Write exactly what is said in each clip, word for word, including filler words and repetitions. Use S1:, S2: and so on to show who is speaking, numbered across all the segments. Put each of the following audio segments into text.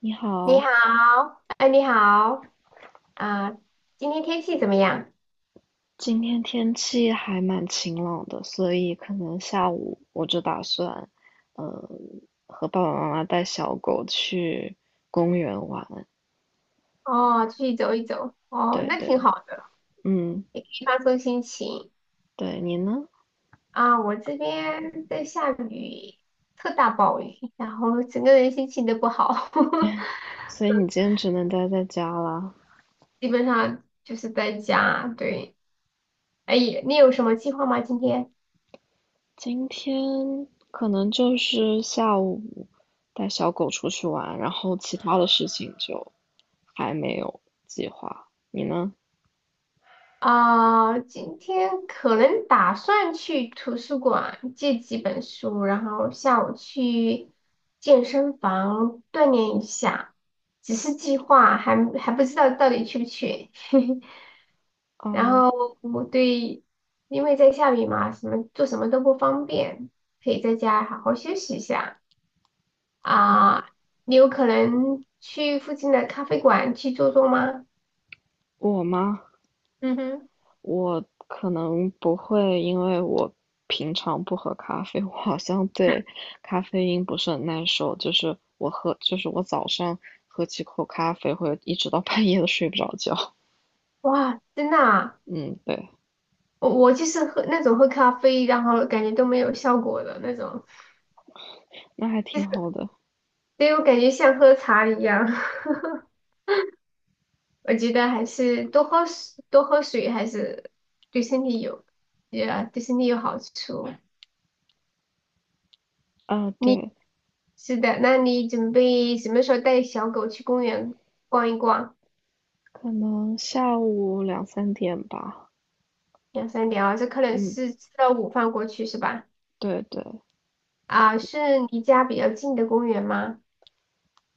S1: 你
S2: 你
S1: 好，
S2: 好，哎，你好，啊、今天天气怎么样？
S1: 今天天气还蛮晴朗的，所以可能下午我就打算，呃，和爸爸妈妈带小狗去公园玩。
S2: 哦，出去走一走，哦，
S1: 对
S2: 那
S1: 对，
S2: 挺好的，
S1: 嗯，
S2: 也可以放松心情
S1: 对，你呢？
S2: 啊。我这边在下雨，特大暴雨，然后整个人心情都不好，
S1: 所以你今天只能待在家啦。
S2: 基本上就是在家。对，哎，你有什么计划吗？今天？
S1: 今天可能就是下午带小狗出去玩，然后其他的事情就还没有计划。你呢？
S2: 啊，今天可能打算去图书馆借几本书，然后下午去健身房锻炼一下，只是计划还还不知道到底去不去。然
S1: 啊
S2: 后我对，因为在下雨嘛，什么做什么都不方便，可以在家好好休息一下
S1: 啊，
S2: 啊。你有可能去附近的咖啡馆去坐坐吗？
S1: 我吗？
S2: 嗯哼，
S1: 我可能不会，因为我平常不喝咖啡，我好像对咖啡因不是很耐受。就是我喝，就是我早上喝几口咖啡，会一直到 半夜都睡不着觉。
S2: 哇，真的啊
S1: 嗯，对，
S2: 我我就是喝那种喝咖啡，然后感觉都没有效果的那种，
S1: 那还挺好的。
S2: 所以我感觉像喝茶一样。我觉得还是多喝水，多喝水还是对身体有，也对身体有好处。
S1: 啊，
S2: 你
S1: 对，
S2: 是的，那你准备什么时候带小狗去公园逛一逛，
S1: 可能下午两三点吧。
S2: 两三点啊？这可能
S1: 嗯，
S2: 是吃了午饭过去是吧？
S1: 对对，
S2: 啊，是离家比较近的公园吗？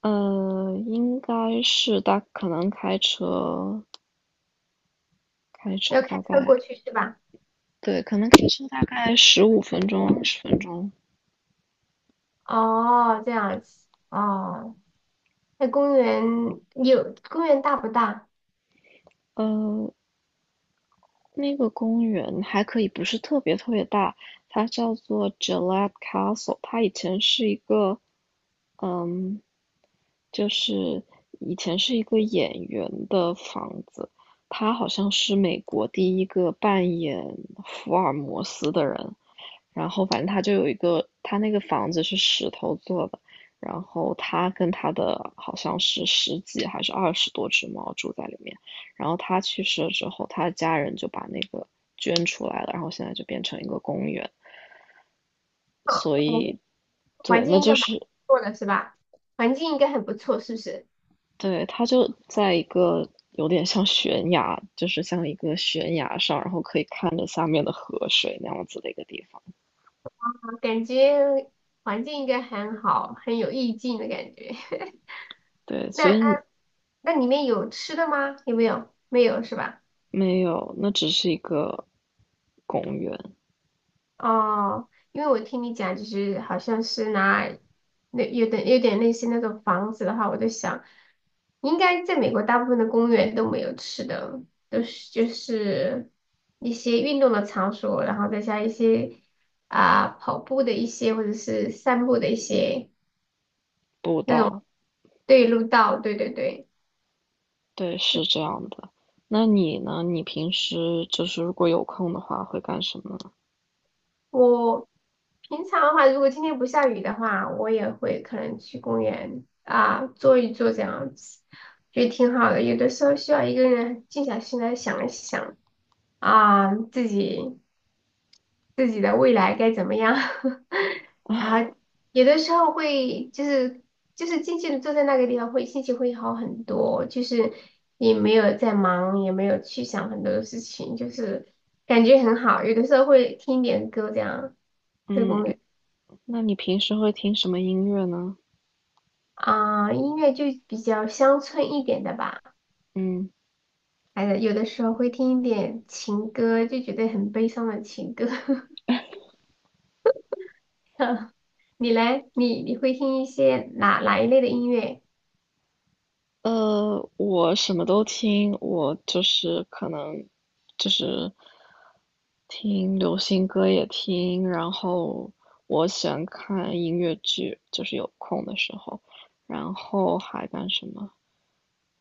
S1: 呃，应该是大，可能开车，开车
S2: 要开
S1: 大
S2: 车
S1: 概，
S2: 过去是吧？
S1: 对，可能开车大概十五分钟、二十分钟。
S2: 哦，这样子，哦。那公园有公园大不大？
S1: 呃，那个公园还可以不是特别特别大，它叫做 g i l l e t Castle。它以前是一个，嗯，就是以前是一个演员的房子。他好像是美国第一个扮演福尔摩斯的人。然后反正他就有一个，他那个房子是石头做的，然后他跟他的好像是十几还是二十多只猫住在里面，然后他去世了之后，他的家人就把那个捐出来了，然后现在就变成一个公园，
S2: 啊，
S1: 所
S2: 环
S1: 以
S2: 环
S1: 对，
S2: 境
S1: 那
S2: 应该
S1: 就
S2: 蛮
S1: 是
S2: 不错的是吧？环境应该很不错，是不是？
S1: 对，他就在一个有点像悬崖，就是像一个悬崖上，然后可以看着下面的河水那样子的一个地方，
S2: 我感觉环境应该很好，很有意境的感觉。
S1: 对，所
S2: 那那
S1: 以
S2: 那里面有吃的吗？有没有？没有是吧？
S1: 没有，那只是一个公园。
S2: 哦，因为我听你讲，就是好像是拿那有点有点类似那种房子的话，我在想，应该在美国大部分的公园都没有吃的，都是就是一些运动的场所，然后再加一些啊、跑步的一些或者是散步的一些
S1: 不
S2: 那种
S1: 到，
S2: 对路道，对对对，
S1: 对，是
S2: 是。
S1: 这样的。那你呢？你平时就是如果有空的话，会干什么呢？
S2: 我平常的话，如果今天不下雨的话，我也会可能去公园啊坐一坐这样子，觉得挺好的。有的时候需要一个人静下心来想一想啊，自己自己的未来该怎么样。然后有的时候会就是就是静静的坐在那个地方会，心情会好很多，就是也没有在忙，也没有去想很多的事情，就是感觉很好。有的时候会听一点歌这样。在
S1: 嗯，
S2: 公园。
S1: 那你平时会听什么音乐呢？
S2: 啊、音乐就比较乡村一点的吧，
S1: 嗯，
S2: 还有有的时候会听一点情歌，就觉得很悲伤的情歌。你嘞，你你会听一些哪哪一类的音乐？
S1: 呃，我什么都听，我就是可能就是听流行歌也听，然后我喜欢看音乐剧，就是有空的时候，然后还干什么？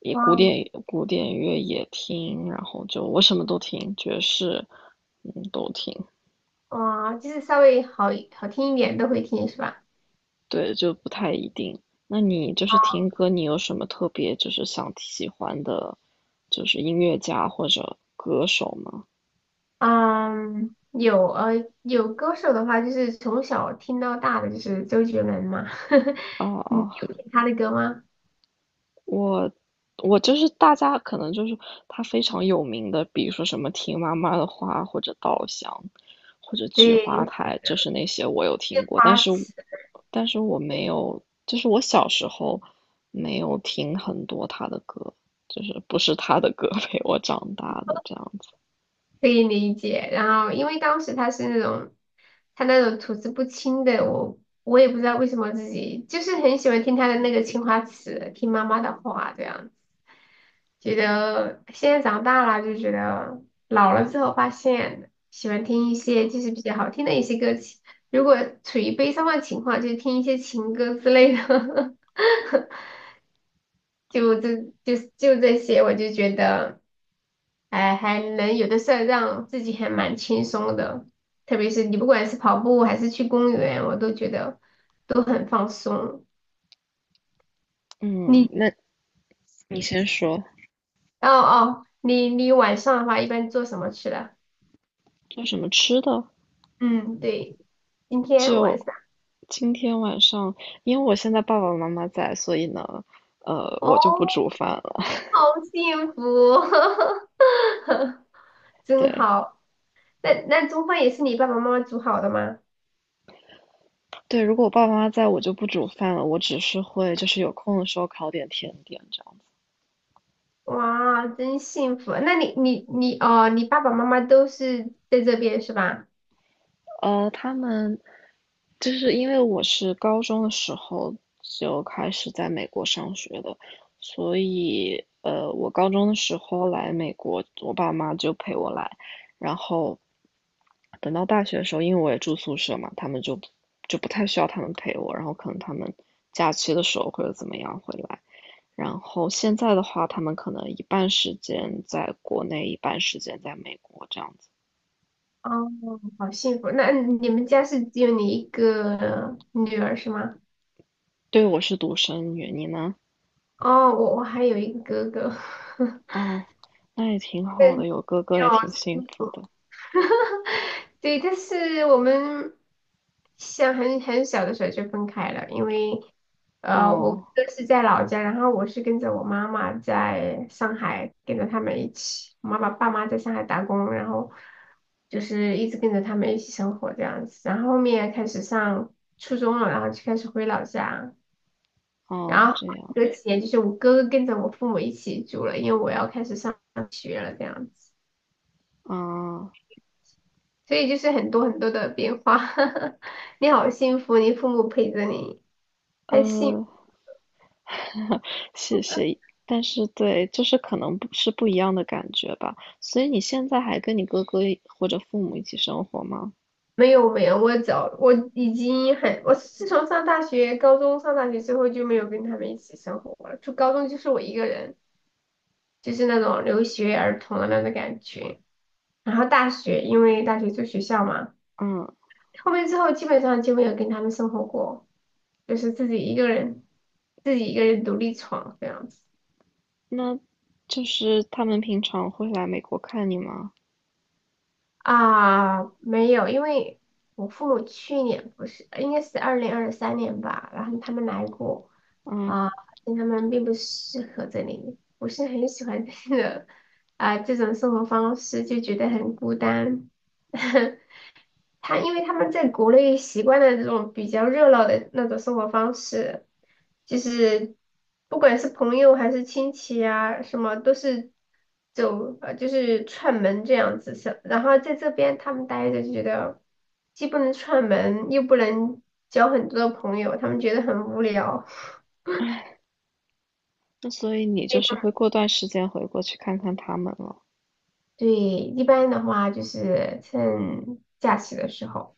S1: 也
S2: 哇
S1: 古典古典乐也听，然后就我什么都听，爵士，嗯，都听。
S2: 哇，就是稍微好好听一点都会听是吧？
S1: 对，就不太一定。那你就是听歌，你有什么特别就是想喜欢的，就是音乐家或者歌手吗？
S2: 嗯，有呃有歌手的话，就是从小听到大的就是周杰伦嘛，
S1: 哦
S2: 你
S1: 哦，
S2: 有听他的歌吗？
S1: 我我就是大家可能就是它非常有名的，比如说什么听妈妈的话，或者稻香，或者菊花
S2: 对，
S1: 台，就是那些我有听过，但
S2: 他。
S1: 是但是我没有，就是我小时候没有听很多他的歌，就是不是他的歌 陪我长大的这样子。
S2: 可以理解。然后因为当时他是那种他那种吐字不清的，我我也不知道为什么自己就是很喜欢听他的那个青花瓷，听妈妈的话这样子。觉得现在长大了就觉得老了之后发现喜欢听一些就是比较好听的一些歌曲，如果处于悲伤的情况，就听一些情歌之类的。就这就就这些，我就觉得，哎，还能有的事儿让自己还蛮轻松的，特别是你不管是跑步还是去公园，我都觉得都很放松。
S1: 嗯，
S2: 你
S1: 那你先说，
S2: 哦哦，你你晚上的话一般做什么去了？
S1: 做什么吃的？
S2: 嗯，对，今天晚
S1: 就
S2: 上
S1: 今天晚上，因为我现在爸爸妈妈在，所以呢，呃，
S2: 哦，
S1: 我就不煮饭了。
S2: 好幸福，真
S1: 对。
S2: 好。那那中饭也是你爸爸妈妈煮好的吗？
S1: 对，如果我爸爸妈妈在，我就不煮饭了，我只是会就是有空的时候烤点甜点这样。
S2: 哇，真幸福！那你你你哦，你爸爸妈妈都是在这边是吧？
S1: 呃，他们就是因为我是高中的时候就开始在美国上学的，所以呃，我高中的时候来美国，我爸妈就陪我来，然后等到大学的时候，因为我也住宿舍嘛，他们就就不太需要他们陪我，然后可能他们假期的时候或者怎么样回来，然后现在的话，他们可能一半时间在国内，一半时间在美国这样子。
S2: 哦，好幸福！那你们家是只有你一个女儿是吗？
S1: 对，我是独生女，你呢？
S2: 哦，我我还有一个哥哥，
S1: 哦，那也挺好
S2: 对，
S1: 的，
S2: 你
S1: 有哥哥也
S2: 好
S1: 挺幸
S2: 幸
S1: 福
S2: 福
S1: 的。
S2: 对，但是我们像很很小的时候就分开了，因为呃，我
S1: 哦，
S2: 哥是在老家，然后我是跟着我妈妈在上海，跟着他们一起，我妈妈爸妈在上海打工，然后就是一直跟着他们一起生活这样子，然后后面开始上初中了，然后就开始回老家，然
S1: 哦，
S2: 后
S1: 这样
S2: 隔几年就是我哥哥跟着我父母一起住了，因为我要开始上学了这样子。
S1: 啊，
S2: 所以就是很多很多的变化。你好幸福，你父母陪着你，还幸
S1: 呃，谢谢。但是对，就是可能不是不一样的感觉吧。所以你现在还跟你哥哥一或者父母一起生活吗？
S2: 没有没有，我早我已经很，我自从上大学、高中上大学之后就没有跟他们一起生活了。就高中就是我一个人，就是那种留学儿童的那种感觉。然后大学，因为大学住学校嘛，
S1: 嗯，
S2: 后面之后基本上就没有跟他们生活过，就是自己一个人，自己一个人独立闯这样子。
S1: 那就是他们平常会来美国看你吗？
S2: 啊，没有，因为我父母去年不是，应该是二零二三年吧，然后他们来过
S1: 嗯，
S2: 啊，发现他们并不适合这里，不是很喜欢这个啊这种生活方式，就觉得很孤单。他因为他们在国内习惯了这种比较热闹的那种生活方式，就是不管是朋友还是亲戚啊，什么都是走呃就是串门这样子是。然后在这边他们待着就觉得既不能串门，又不能交很多的朋友，他们觉得很无聊。
S1: 那所以你就是会过段时间回国去看看他们了。
S2: 对，一般的话就是趁假期的时候，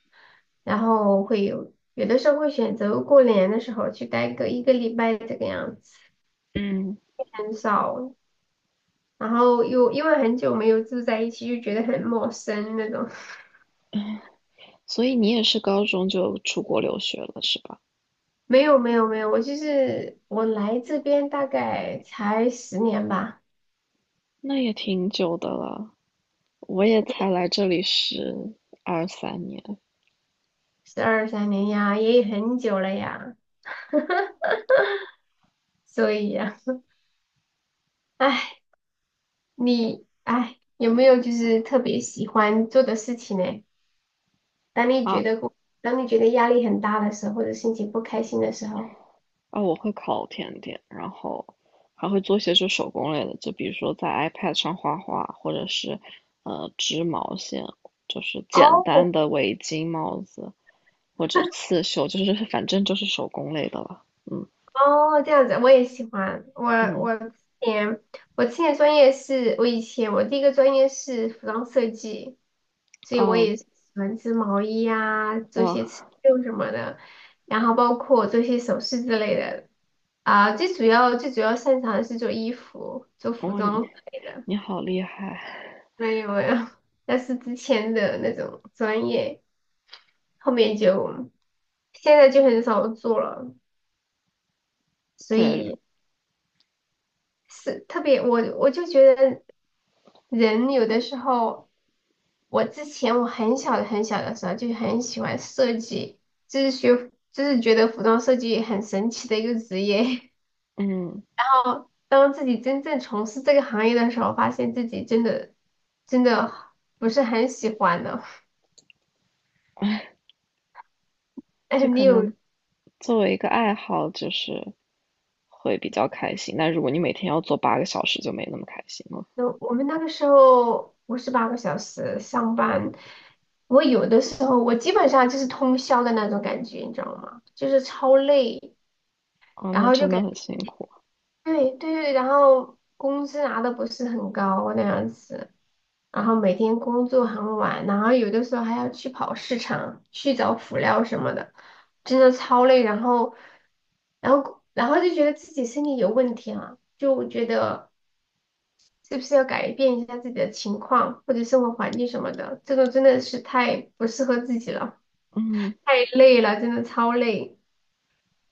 S2: 然后会有有的时候会选择过年的时候去待个一个礼拜这个样子，
S1: 嗯，
S2: 很少，然后又因为很久没有住在一起，就觉得很陌生那种。
S1: 所以你也是高中就出国留学了，是吧？
S2: 没有没有没有，我就是我来这边大概才十年吧，
S1: 那也挺久的了，我也才来这里十二三年
S2: 十二三年呀，也很久了呀，所以呀，唉，你唉有没有就是特别喜欢做的事情呢？当你觉
S1: 啊
S2: 得当你觉得压力很大的时候，或者心情不开心的时候，
S1: 啊！我会烤甜点，然后还会做些就手工类的，就比如说在 iPad 上画画，或者是呃织毛线，就是简
S2: 哦
S1: 单的围巾、帽子或者刺绣，就是反正就是手工类的了。嗯
S2: 哦，这样子我也喜欢。我
S1: 嗯，
S2: 我之前我之前专业是，我以前我第一个专业是服装设计，所以我
S1: 哦
S2: 也是喜欢织毛衣啊，做
S1: 哇
S2: 些刺绣什么的，然后包括做些首饰之类的。啊，最主要最主要擅长的是做衣服、做服
S1: 哇，你
S2: 装之类的。
S1: 你好厉害！
S2: 没有没有，但是之前的那种专业，后面就。现在就很少做了，所
S1: 对，
S2: 以是特别我我就觉得人有的时候，我之前我很小的很小的时候就很喜欢设计，就是学就是觉得服装设计很神奇的一个职业。
S1: 嗯。
S2: 然后当自己真正从事这个行业的时候，发现自己真的真的不是很喜欢了。哎，
S1: 就
S2: 你
S1: 可
S2: 有
S1: 能作为一个爱好，就是会比较开心。但如果你每天要做八个小时，就没那么开心了。
S2: 那我们那个时候五十八个小时上班，我有的时候我基本上就是通宵的那种感觉，你知道吗？就是超累，
S1: 啊，
S2: 然
S1: 那
S2: 后就
S1: 真
S2: 感
S1: 的很辛苦。
S2: 对对对，然后工资拿的不是很高那样子，然后每天工作很晚，然后有的时候还要去跑市场去找辅料什么的，真的超累，然后然后然后就觉得自己身体有问题啊，就觉得。是不是要改变一下自己的情况或者生活环境什么的？这个真的是太不适合自己了，
S1: 嗯，
S2: 太累了，真的超累。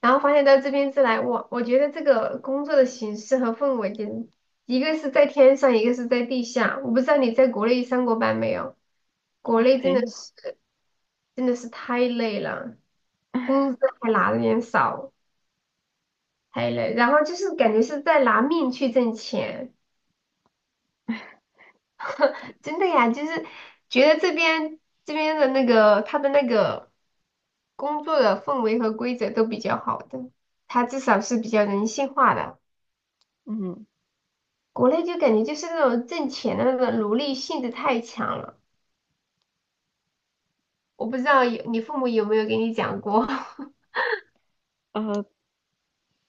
S2: 然后发现到这边之来，我我觉得这个工作的形式和氛围，简直一个是在天上，一个是在地下。我不知道你在国内上过班没有？国内真
S1: 没
S2: 的
S1: 有，
S2: 是真的是太累了，工资还拿的有点少，太累。然后就是感觉是在拿命去挣钱。真的呀，就是觉得这边这边的那个他的那个工作的氛围和规则都比较好的，他至少是比较人性化的。
S1: 嗯，
S2: 国内就感觉就是那种挣钱的那种奴隶性质太强了。我不知道有你父母有没有给你讲过，
S1: 啊，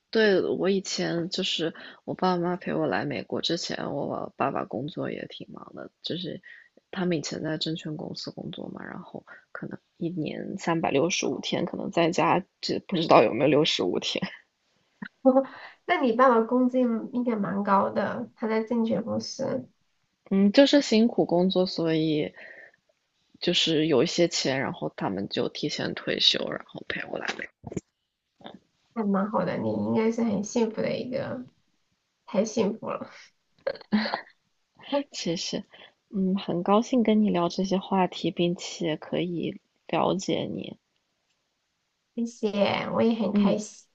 S1: 对，我以前就是我爸妈陪我来美国之前，我爸爸工作也挺忙的，就是他们以前在证券公司工作嘛，然后可能一年三百六十五天，可能在家这不知道有没有六十五天，
S2: 那你爸爸工资应应该蛮高的，他在证券公司
S1: 嗯，就是辛苦工作，所以就是有一些钱，然后他们就提前退休，然后陪我来美国。
S2: 还蛮好的，你应该是很幸福的一个，太幸福了。
S1: 谢实，嗯，很高兴跟你聊这些话题，并且可以了解你。
S2: 谢谢，我也很开
S1: 嗯。
S2: 心。